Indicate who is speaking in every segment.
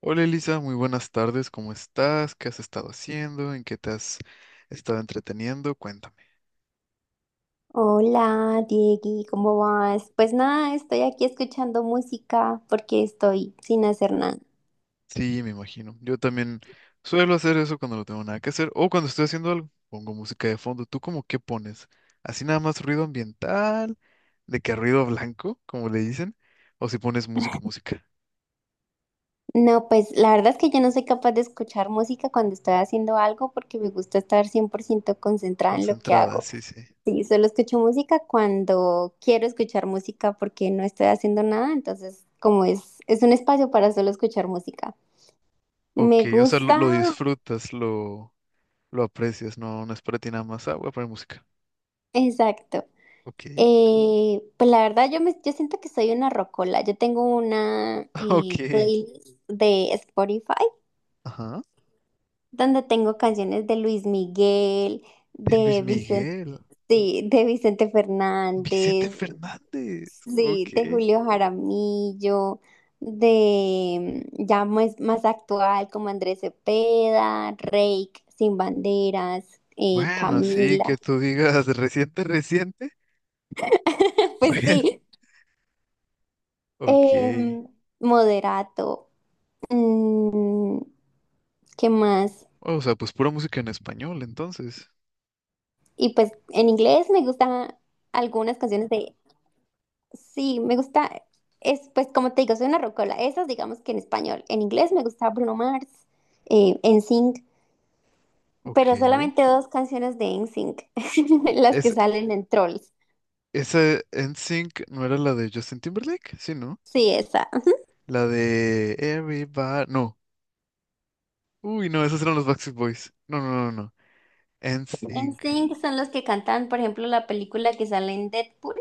Speaker 1: Hola Elisa, muy buenas tardes, ¿cómo estás? ¿Qué has estado haciendo? ¿En qué te has estado entreteniendo? Cuéntame.
Speaker 2: Hola, Diegui, ¿cómo vas? Pues nada, estoy aquí escuchando música porque estoy sin hacer nada.
Speaker 1: Sí, me imagino. Yo también suelo hacer eso cuando no tengo nada que hacer o cuando estoy haciendo algo. Pongo música de fondo. ¿Tú cómo qué pones? ¿Así nada más ruido ambiental? ¿De qué ruido blanco, como le dicen? ¿O si pones música, música?
Speaker 2: No, pues la verdad es que yo no soy capaz de escuchar música cuando estoy haciendo algo porque me gusta estar 100% concentrada en lo que
Speaker 1: Concentrada,
Speaker 2: hago.
Speaker 1: sí, sí.
Speaker 2: Sí, solo escucho música cuando quiero escuchar música porque no estoy haciendo nada, entonces como es un espacio para solo escuchar música.
Speaker 1: Ok,
Speaker 2: Me
Speaker 1: o sea, lo
Speaker 2: gusta,
Speaker 1: disfrutas, lo aprecias, no, no es para ti nada más. Ah, voy a poner música.
Speaker 2: exacto.
Speaker 1: Ok.
Speaker 2: Pues la verdad yo siento que soy una rocola. Yo tengo una
Speaker 1: Ok.
Speaker 2: playlist de Spotify
Speaker 1: Ajá.
Speaker 2: donde tengo canciones de Luis Miguel,
Speaker 1: De Luis
Speaker 2: de Vicente,
Speaker 1: Miguel.
Speaker 2: sí, de Vicente
Speaker 1: Vicente
Speaker 2: Fernández,
Speaker 1: Fernández.
Speaker 2: sí,
Speaker 1: Ok.
Speaker 2: de Julio Jaramillo, de ya más actual como Andrés Cepeda, Reik, Sin Banderas,
Speaker 1: Bueno, sí, que
Speaker 2: Camila.
Speaker 1: tú digas reciente, reciente.
Speaker 2: Pues
Speaker 1: Pues,
Speaker 2: sí,
Speaker 1: ok.
Speaker 2: em, Moderato. Mm, ¿Qué más?
Speaker 1: O sea, pues pura música en español, entonces.
Speaker 2: Y pues en inglés me gustan algunas canciones de. Sí, me gusta. Pues como te digo, soy una rocola. Esas digamos que en español. En inglés me gusta Bruno Mars, NSYNC,
Speaker 1: Ok.
Speaker 2: pero solamente dos canciones de NSYNC, las que
Speaker 1: Es,
Speaker 2: salen en Trolls.
Speaker 1: esa N Sync no era la de Justin Timberlake, sí, ¿no?
Speaker 2: Sí, esa.
Speaker 1: La de Everybody. No. Uy, no, esos eran los Backstreet Boys. No, no, no, no. N Sync.
Speaker 2: NSYNC son los que cantan, por ejemplo, la película que sale en Deadpool.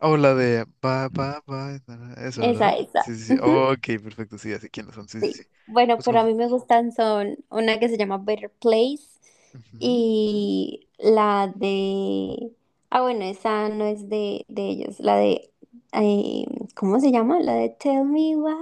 Speaker 1: Oh, la de Bye, bye, bye, na, na. Eso,
Speaker 2: Esa,
Speaker 1: ¿verdad?
Speaker 2: esa.
Speaker 1: Sí, sí, sí. Ok, perfecto. Sí, así quiénes son. Sí, sí, sí.
Speaker 2: Sí, bueno,
Speaker 1: Los
Speaker 2: pero a
Speaker 1: confu-
Speaker 2: mí me gustan son una que se llama Better Place
Speaker 1: Ujú.
Speaker 2: y la de. Ah, bueno, esa no es de ellos, la de. eh, ¿Cómo se llama? La de Tell Me Why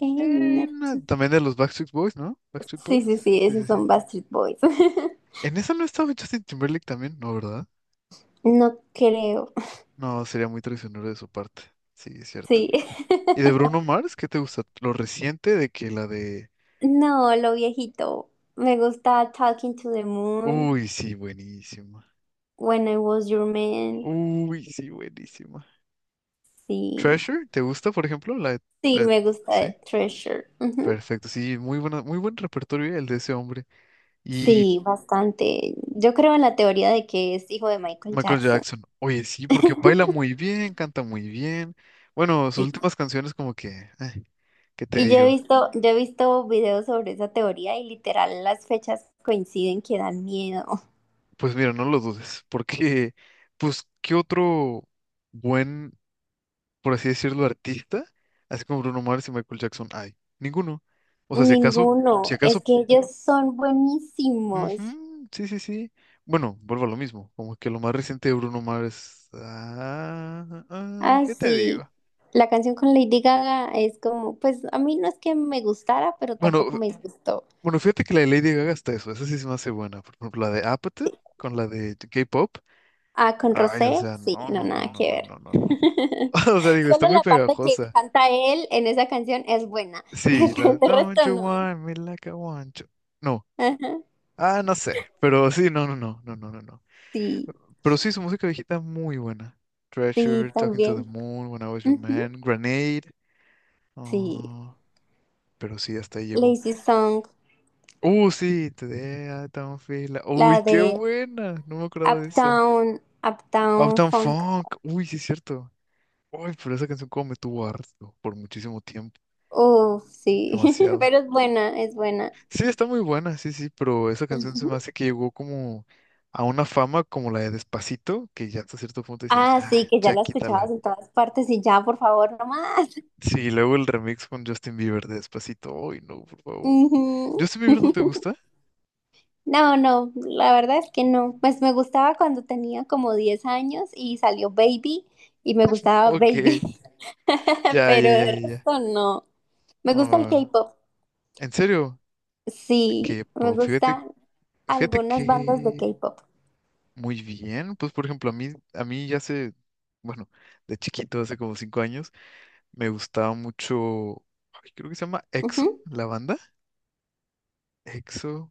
Speaker 2: Ain't
Speaker 1: Eh,
Speaker 2: Not-.
Speaker 1: no, también de los Backstreet Boys, ¿no? Backstreet
Speaker 2: Sí,
Speaker 1: Boys.
Speaker 2: sí, sí,
Speaker 1: Sí, sí,
Speaker 2: esos
Speaker 1: sí.
Speaker 2: son Backstreet Boys.
Speaker 1: En esa no estaba Justin Timberlake también, ¿no, verdad?
Speaker 2: No creo,
Speaker 1: No, sería muy traicionero de su parte. Sí, es cierto.
Speaker 2: sí.
Speaker 1: ¿Y de Bruno Mars? ¿Qué te gusta? Lo reciente de que la de.
Speaker 2: No, lo viejito. Me gusta Talking to the Moon,
Speaker 1: Uy, sí, buenísima.
Speaker 2: When I Was Your Man,
Speaker 1: Uy, sí, buenísima.
Speaker 2: sí.
Speaker 1: Treasure, ¿te gusta, por ejemplo?
Speaker 2: Sí,
Speaker 1: La-
Speaker 2: me gusta
Speaker 1: Sí,
Speaker 2: de Treasure. Ujú.
Speaker 1: perfecto. Sí, muy buena, muy buen repertorio el de ese hombre. Y
Speaker 2: Sí, bastante. Yo creo en la teoría de que es hijo de Michael
Speaker 1: Michael
Speaker 2: Jackson.
Speaker 1: Jackson. Oye, sí, porque baila muy bien, canta muy bien. Bueno, sus
Speaker 2: Sí.
Speaker 1: últimas canciones como que, eh, ¿qué te
Speaker 2: Y yo he
Speaker 1: digo?
Speaker 2: visto, yo he visto videos sobre esa teoría y literal las fechas coinciden que dan miedo.
Speaker 1: Pues mira, no lo dudes, porque, pues, ¿qué otro buen, por así decirlo, artista, así como Bruno Mars y Michael Jackson hay? Ninguno. O sea, si acaso,
Speaker 2: Ninguno.
Speaker 1: si acaso,
Speaker 2: Es que ellos son buenísimos.
Speaker 1: ujú, sí, sí, sí. Bueno, vuelvo a lo mismo, como que lo más reciente de Bruno Mars,
Speaker 2: Ay,
Speaker 1: ¿qué te
Speaker 2: sí.
Speaker 1: digo?
Speaker 2: La canción con Lady Gaga es como, pues a mí no es que me gustara, pero
Speaker 1: Bueno,
Speaker 2: tampoco me disgustó.
Speaker 1: Bueno, fíjate que la de Lady Gaga está esa sí se me hace buena. Por ejemplo, la de Apathy con la de K-pop.
Speaker 2: Ah, con
Speaker 1: Ay, o
Speaker 2: Rosé,
Speaker 1: sea,
Speaker 2: sí,
Speaker 1: no,
Speaker 2: no,
Speaker 1: no, no,
Speaker 2: nada
Speaker 1: no,
Speaker 2: que
Speaker 1: no,
Speaker 2: ver.
Speaker 1: no, no, no. O sea, digo, está
Speaker 2: Solo
Speaker 1: muy
Speaker 2: la parte que
Speaker 1: pegajosa.
Speaker 2: canta él en esa canción es buena.
Speaker 1: Sí, la de
Speaker 2: El
Speaker 1: Don't
Speaker 2: resto
Speaker 1: You
Speaker 2: no.
Speaker 1: Want Me Like I Want You. No,
Speaker 2: Ajá.
Speaker 1: ah, no sé, pero sí, no, no, no, no, no, no, no.
Speaker 2: Sí,
Speaker 1: Pero sí, su música viejita muy buena.
Speaker 2: sí,
Speaker 1: Treasure, Talking to the
Speaker 2: también.
Speaker 1: Moon, When I Was Your
Speaker 2: Ujú,
Speaker 1: Man, Grenade.
Speaker 2: sí.
Speaker 1: Oh, pero sí, hasta ahí llegó.
Speaker 2: Lazy Song,
Speaker 1: Sí, Today I Don't Feel Uy,
Speaker 2: la
Speaker 1: qué
Speaker 2: de
Speaker 1: buena, no me acordaba de esa.
Speaker 2: Uptown, Uptown
Speaker 1: Uptown
Speaker 2: Funk.
Speaker 1: Funk. Uy, sí es cierto. Uy, pero esa canción como me tuvo harto por muchísimo tiempo,
Speaker 2: Uf, sí.
Speaker 1: demasiado.
Speaker 2: Pero es buena, es buena.
Speaker 1: Sí, está muy buena, sí, sí, pero esa canción se
Speaker 2: Ujú.
Speaker 1: me hace que llegó como a una fama como la de Despacito, que ya hasta cierto punto decías,
Speaker 2: Ah,
Speaker 1: ya,
Speaker 2: sí, que ya
Speaker 1: ya
Speaker 2: la
Speaker 1: quítala.
Speaker 2: escuchabas en todas partes y ya, por favor, no más.
Speaker 1: Sí, y luego el remix con Justin Bieber de Despacito. Uy, no, por favor.
Speaker 2: Ujú.
Speaker 1: ¿Justin Bieber no te gusta?
Speaker 2: No, no, la verdad es que no. Pues me gustaba cuando tenía como 10 años y salió Baby y me gustaba
Speaker 1: Ok,
Speaker 2: Baby,
Speaker 1: ya, ya,
Speaker 2: pero
Speaker 1: ya,
Speaker 2: de
Speaker 1: ya, ya.
Speaker 2: resto no. Me gusta el
Speaker 1: Ah,
Speaker 2: K-pop,
Speaker 1: ¿en serio?
Speaker 2: sí, me
Speaker 1: K-pop, fíjate,
Speaker 2: gustan
Speaker 1: fíjate
Speaker 2: algunas bandas de
Speaker 1: que
Speaker 2: K-pop.
Speaker 1: muy bien, pues por ejemplo, a mí ya hace, bueno, de chiquito, hace como 5 años, me gustaba mucho, ay, creo que se llama EXO,
Speaker 2: Ujú.
Speaker 1: la banda. EXO,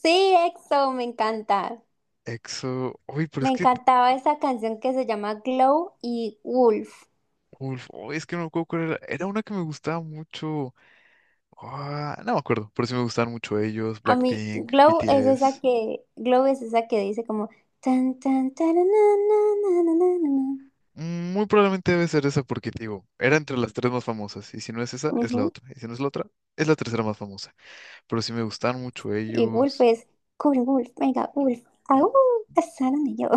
Speaker 2: Sí, EXO, me encanta.
Speaker 1: EXO, uy, pero es
Speaker 2: Me
Speaker 1: que,
Speaker 2: encantaba esa canción que se llama Glow y Wolf.
Speaker 1: uf, uy, es que no me acuerdo cuál era, era una que me gustaba mucho, ah, no me acuerdo, pero sí me gustaban mucho ellos,
Speaker 2: A mí,
Speaker 1: Blackpink,
Speaker 2: Glow es esa
Speaker 1: BTS.
Speaker 2: que, Glow es esa que dice como tan tan tan na, na, na, na, na,
Speaker 1: Muy probablemente debe ser esa porque, te digo, era entre las tres más famosas, y si no es esa,
Speaker 2: na,
Speaker 1: es la
Speaker 2: na.
Speaker 1: otra, y si no es la otra, es la tercera más famosa, pero sí me gustaban mucho
Speaker 2: Y Wolf
Speaker 1: ellos.
Speaker 2: es, cubre Wolf, venga, Wolf, aú, casaron y yo.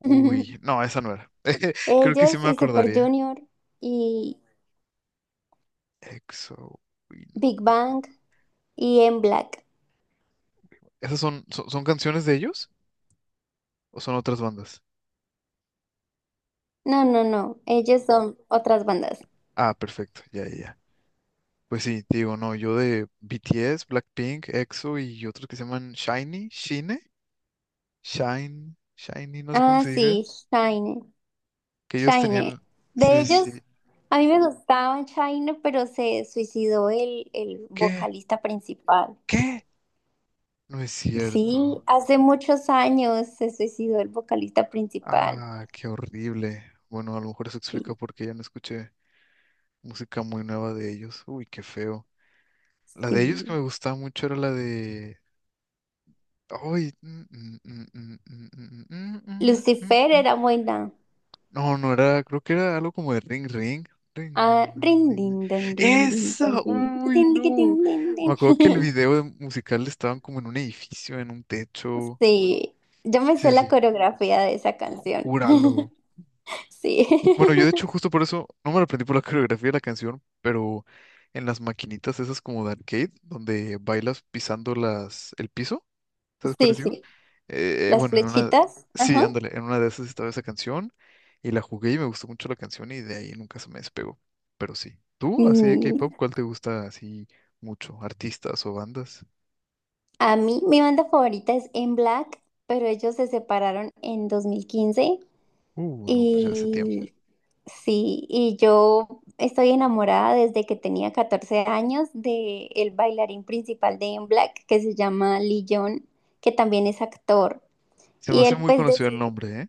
Speaker 1: Uy, no, esa no era. Creo que sí
Speaker 2: Ellos
Speaker 1: me
Speaker 2: y Super
Speaker 1: acordaría.
Speaker 2: Junior y
Speaker 1: EXO. Uy, no,
Speaker 2: Big
Speaker 1: no.
Speaker 2: Bang y M Black.
Speaker 1: ¿Esas son, son canciones de ellos o son otras bandas?
Speaker 2: No, no, no, ellos son otras bandas.
Speaker 1: Ah, perfecto, ya, ya, ya. Pues sí, te digo, no, yo de BTS, Blackpink, EXO y otros que se llaman Shiny, Shine, Shine, Shiny, no sé cómo
Speaker 2: Ah,
Speaker 1: se diga,
Speaker 2: sí, Shine,
Speaker 1: que ellos
Speaker 2: Shine.
Speaker 1: tenían.
Speaker 2: De
Speaker 1: Sí, sí,
Speaker 2: ellos,
Speaker 1: sí.
Speaker 2: a mí me gustaban Shine, pero se suicidó el
Speaker 1: ¿Qué?
Speaker 2: vocalista principal.
Speaker 1: ¿Qué? No es cierto.
Speaker 2: Sí, hace muchos años se suicidó el vocalista principal.
Speaker 1: Ah, qué horrible. Bueno, a lo mejor eso
Speaker 2: Sí,
Speaker 1: explica por qué ya no escuché música muy nueva de ellos. Uy, qué feo. La de ellos que me
Speaker 2: sí.
Speaker 1: gustaba mucho era la de. Ay,
Speaker 2: Lucifer era buena.
Speaker 1: No, no era, creo que era algo como de ring ring. Ring,
Speaker 2: Ah,
Speaker 1: ding,
Speaker 2: rin,
Speaker 1: dong, ding,
Speaker 2: din,
Speaker 1: ding.
Speaker 2: don, rin, din, don,
Speaker 1: ¡Eso!
Speaker 2: rin,
Speaker 1: ¡Uy,
Speaker 2: tiquitín, tiquitín,
Speaker 1: no!
Speaker 2: din,
Speaker 1: Me
Speaker 2: din.
Speaker 1: acuerdo que el video musical estaban como en un edificio, en un techo.
Speaker 2: Sí, yo me sé
Speaker 1: Sí,
Speaker 2: la
Speaker 1: sí,
Speaker 2: coreografía de esa canción.
Speaker 1: júralo.
Speaker 2: Sí,
Speaker 1: Bueno, yo de hecho justo por eso no me lo aprendí por la coreografía de la canción, pero en las maquinitas esas como de arcade, donde bailas pisando el piso. ¿Sabes cuál
Speaker 2: sí,
Speaker 1: es?
Speaker 2: sí. Las
Speaker 1: Bueno, en una,
Speaker 2: flechitas.
Speaker 1: sí,
Speaker 2: Ajá.
Speaker 1: ándale, en una de esas estaba esa canción y la jugué y me gustó mucho la canción y de ahí nunca se me despegó. Pero sí. ¿Tú, así de
Speaker 2: Mm,
Speaker 1: K-pop, cuál te gusta así mucho? ¿Artistas o bandas?
Speaker 2: a mí, mi banda favorita es En Black, pero ellos se separaron en 2015
Speaker 1: No, pues ya hace tiempo.
Speaker 2: y sí, y yo estoy enamorada desde que tenía 14 años de el bailarín principal de En Black que se llama Lee Young, que también es actor.
Speaker 1: Se me
Speaker 2: Y
Speaker 1: hace
Speaker 2: él
Speaker 1: muy
Speaker 2: pues
Speaker 1: conocido el
Speaker 2: decidió,
Speaker 1: nombre, ¿eh?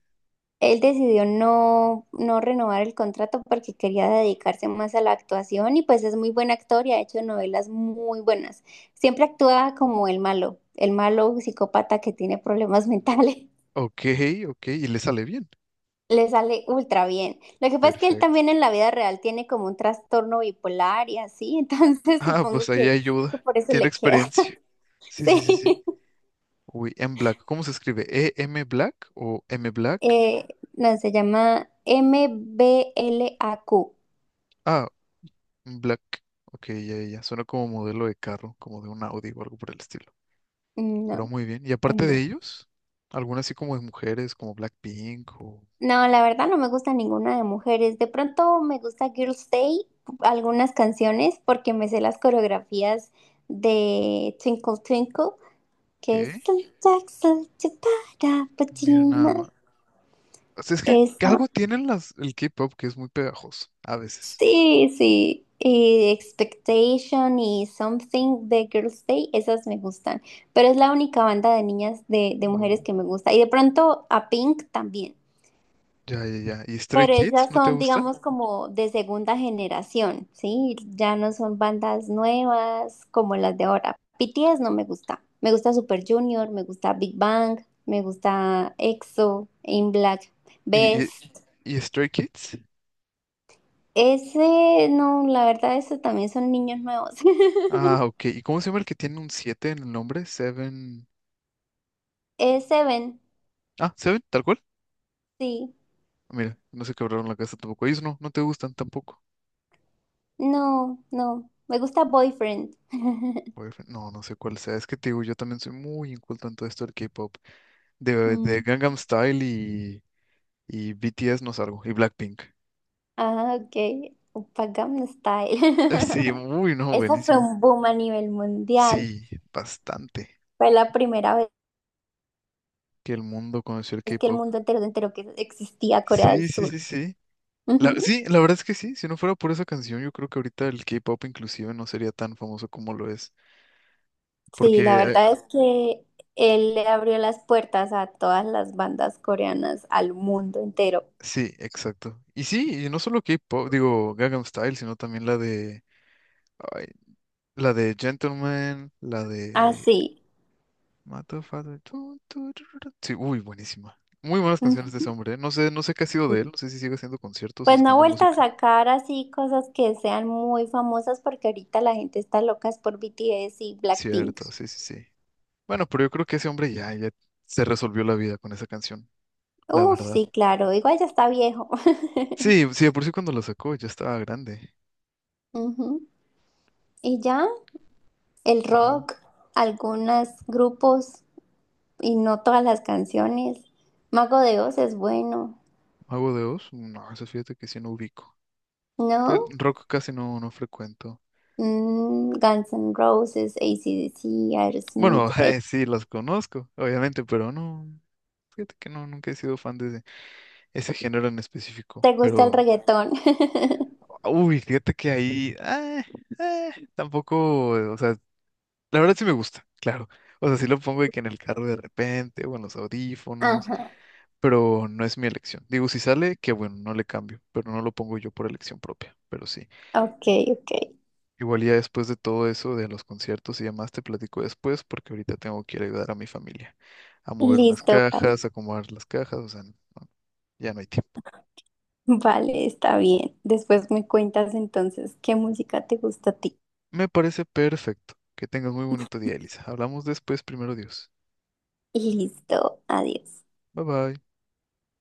Speaker 2: él decidió no renovar el contrato porque quería dedicarse más a la actuación y pues es muy buen actor y ha hecho novelas muy buenas. Siempre actúa como el malo psicópata que tiene problemas mentales.
Speaker 1: Ok, ok, y le sale bien.
Speaker 2: Le sale ultra bien. Lo que pasa es que él
Speaker 1: Perfecto.
Speaker 2: también en la vida real tiene como un trastorno bipolar y así, entonces
Speaker 1: Ah, pues
Speaker 2: supongo
Speaker 1: ahí
Speaker 2: que
Speaker 1: ayuda.
Speaker 2: por eso
Speaker 1: Tiene
Speaker 2: le queda.
Speaker 1: experiencia. Sí, sí, sí, sí.
Speaker 2: Sí.
Speaker 1: Uy, M Black. ¿Cómo se escribe? ¿E-M Black o M Black?
Speaker 2: Eh, no, se llama m b MBLAQ.
Speaker 1: Ah Black. Ok, ya, ya, ya. Suena como modelo de carro, como de un Audi o algo por el estilo.
Speaker 2: No,
Speaker 1: Pero muy bien. Y
Speaker 2: en
Speaker 1: aparte de
Speaker 2: blanco.
Speaker 1: ellos, algunas así como de mujeres, como Blackpink o
Speaker 2: No, la verdad no me gusta ninguna de mujeres. De pronto me gusta Girls' Day, algunas canciones, porque me sé las coreografías de Twinkle Twinkle, que es
Speaker 1: qué.
Speaker 2: "Little Jack, little Chipara,
Speaker 1: Mira nada
Speaker 2: Pachima".
Speaker 1: más. O sea, es que
Speaker 2: Esa.
Speaker 1: algo tienen el K-pop que es muy pegajoso, a veces.
Speaker 2: Sí, sí. Y Expectation y Something de Girls' Day, esas me gustan. Pero es la única banda de niñas, de mujeres
Speaker 1: Oh,
Speaker 2: que me gusta. Y de pronto a Pink también.
Speaker 1: ya, ya, ya. ¿Y Stray
Speaker 2: Pero
Speaker 1: Kids?
Speaker 2: esas
Speaker 1: ¿No te
Speaker 2: son,
Speaker 1: gusta?
Speaker 2: digamos, como de segunda generación, ¿sí? Ya no son bandas nuevas como las de ahora. BTS no me gusta. Me gusta Super Junior, me gusta Big Bang, me gusta EXO, In Black,
Speaker 1: ¿Y, y,
Speaker 2: Best.
Speaker 1: y Stray Kids?
Speaker 2: Ese, no, la verdad, eso también son niños nuevos.
Speaker 1: Ah, ok. ¿Y cómo se llama el que tiene un 7 en el nombre? Seven.
Speaker 2: Seven,
Speaker 1: Ah, Seven, tal cual.
Speaker 2: sí.
Speaker 1: Mira, no se quebraron la casa tampoco. Ellos no, no te gustan tampoco.
Speaker 2: No, no. Me gusta Boyfriend.
Speaker 1: Boyfriend. No, no sé cuál sea. Es que te digo, yo también soy muy inculto en todo esto del K-pop. De
Speaker 2: Mm.
Speaker 1: Gangnam Style y BTS no salgo. Y Blackpink.
Speaker 2: Ah, ok. Gangnam Style.
Speaker 1: Sí, muy no,
Speaker 2: Esa fue
Speaker 1: buenísimo.
Speaker 2: un boom a nivel mundial.
Speaker 1: Sí, bastante.
Speaker 2: Fue la primera vez
Speaker 1: Que el mundo conoció el
Speaker 2: que el
Speaker 1: K-pop.
Speaker 2: mundo entero se enteró que existía Corea del
Speaker 1: Sí, sí,
Speaker 2: Sur.
Speaker 1: sí, sí. La,
Speaker 2: Ujú.
Speaker 1: sí, la verdad es que sí. Si no fuera por esa canción, yo creo que ahorita el K-pop inclusive no sería tan famoso como lo es. Porque
Speaker 2: Sí, la verdad
Speaker 1: eh,
Speaker 2: es que él le abrió las puertas a todas las bandas coreanas, al mundo entero.
Speaker 1: sí, exacto. Y sí, y no solo K-pop, digo, Gangnam Style, sino también la de. La de Gentleman, la de
Speaker 2: Así.
Speaker 1: Mato Father. Tu, tu, tu, tu, tu. Sí, uy, buenísima. Muy buenas canciones de
Speaker 2: Ujú.
Speaker 1: ese hombre. ¿Eh? No sé, no sé qué ha sido de él. No sé si sigue haciendo conciertos o
Speaker 2: Pues no ha
Speaker 1: sacando
Speaker 2: vuelto a
Speaker 1: música.
Speaker 2: sacar así cosas que sean muy famosas porque ahorita la gente está loca es por BTS y Blackpink.
Speaker 1: Cierto, sí, sí, sí. Bueno, pero yo creo que ese hombre ya, ya se resolvió la vida con esa canción, la
Speaker 2: Uf,
Speaker 1: verdad.
Speaker 2: sí, claro. Igual ya está viejo.
Speaker 1: Sí, sí, de por sí cuando la sacó ya estaba grande.
Speaker 2: Ujú. Y ya, el
Speaker 1: Wow.
Speaker 2: rock, algunos grupos y no todas las canciones. Mago de Oz es bueno,
Speaker 1: ¿Mago de Oz? No, eso fíjate que sí no ubico. Fíjate,
Speaker 2: ¿no?
Speaker 1: rock casi no, no frecuento.
Speaker 2: Guns N' Roses, AC/DC,
Speaker 1: Bueno,
Speaker 2: Aerosmith.
Speaker 1: sí, las conozco, obviamente, pero no. Fíjate que no, nunca he sido fan de, ese género en específico,
Speaker 2: ¿Te gusta el
Speaker 1: pero,
Speaker 2: reggaetón?
Speaker 1: uy, fíjate que ahí, ah, tampoco, o sea, la verdad sí me gusta, claro, o sea, sí lo pongo de que en el carro de repente o en los audífonos,
Speaker 2: Ajá.
Speaker 1: pero no es mi elección. Digo, si sale, que bueno, no le cambio, pero no lo pongo yo por elección propia, pero sí.
Speaker 2: Ok, ok.
Speaker 1: Igual ya después de todo eso, de los conciertos y demás, te platico después, porque ahorita tengo que ir a ayudar a mi familia a mover unas
Speaker 2: Listo, vale.
Speaker 1: cajas, a acomodar las cajas, o sea, no, ya no hay tiempo.
Speaker 2: Vale, está bien. Después me cuentas entonces qué música te gusta a ti.
Speaker 1: Me parece perfecto. Que tengas muy bonito día, Elisa. Hablamos después, primero Dios.
Speaker 2: Listo, adiós.
Speaker 1: Bye bye.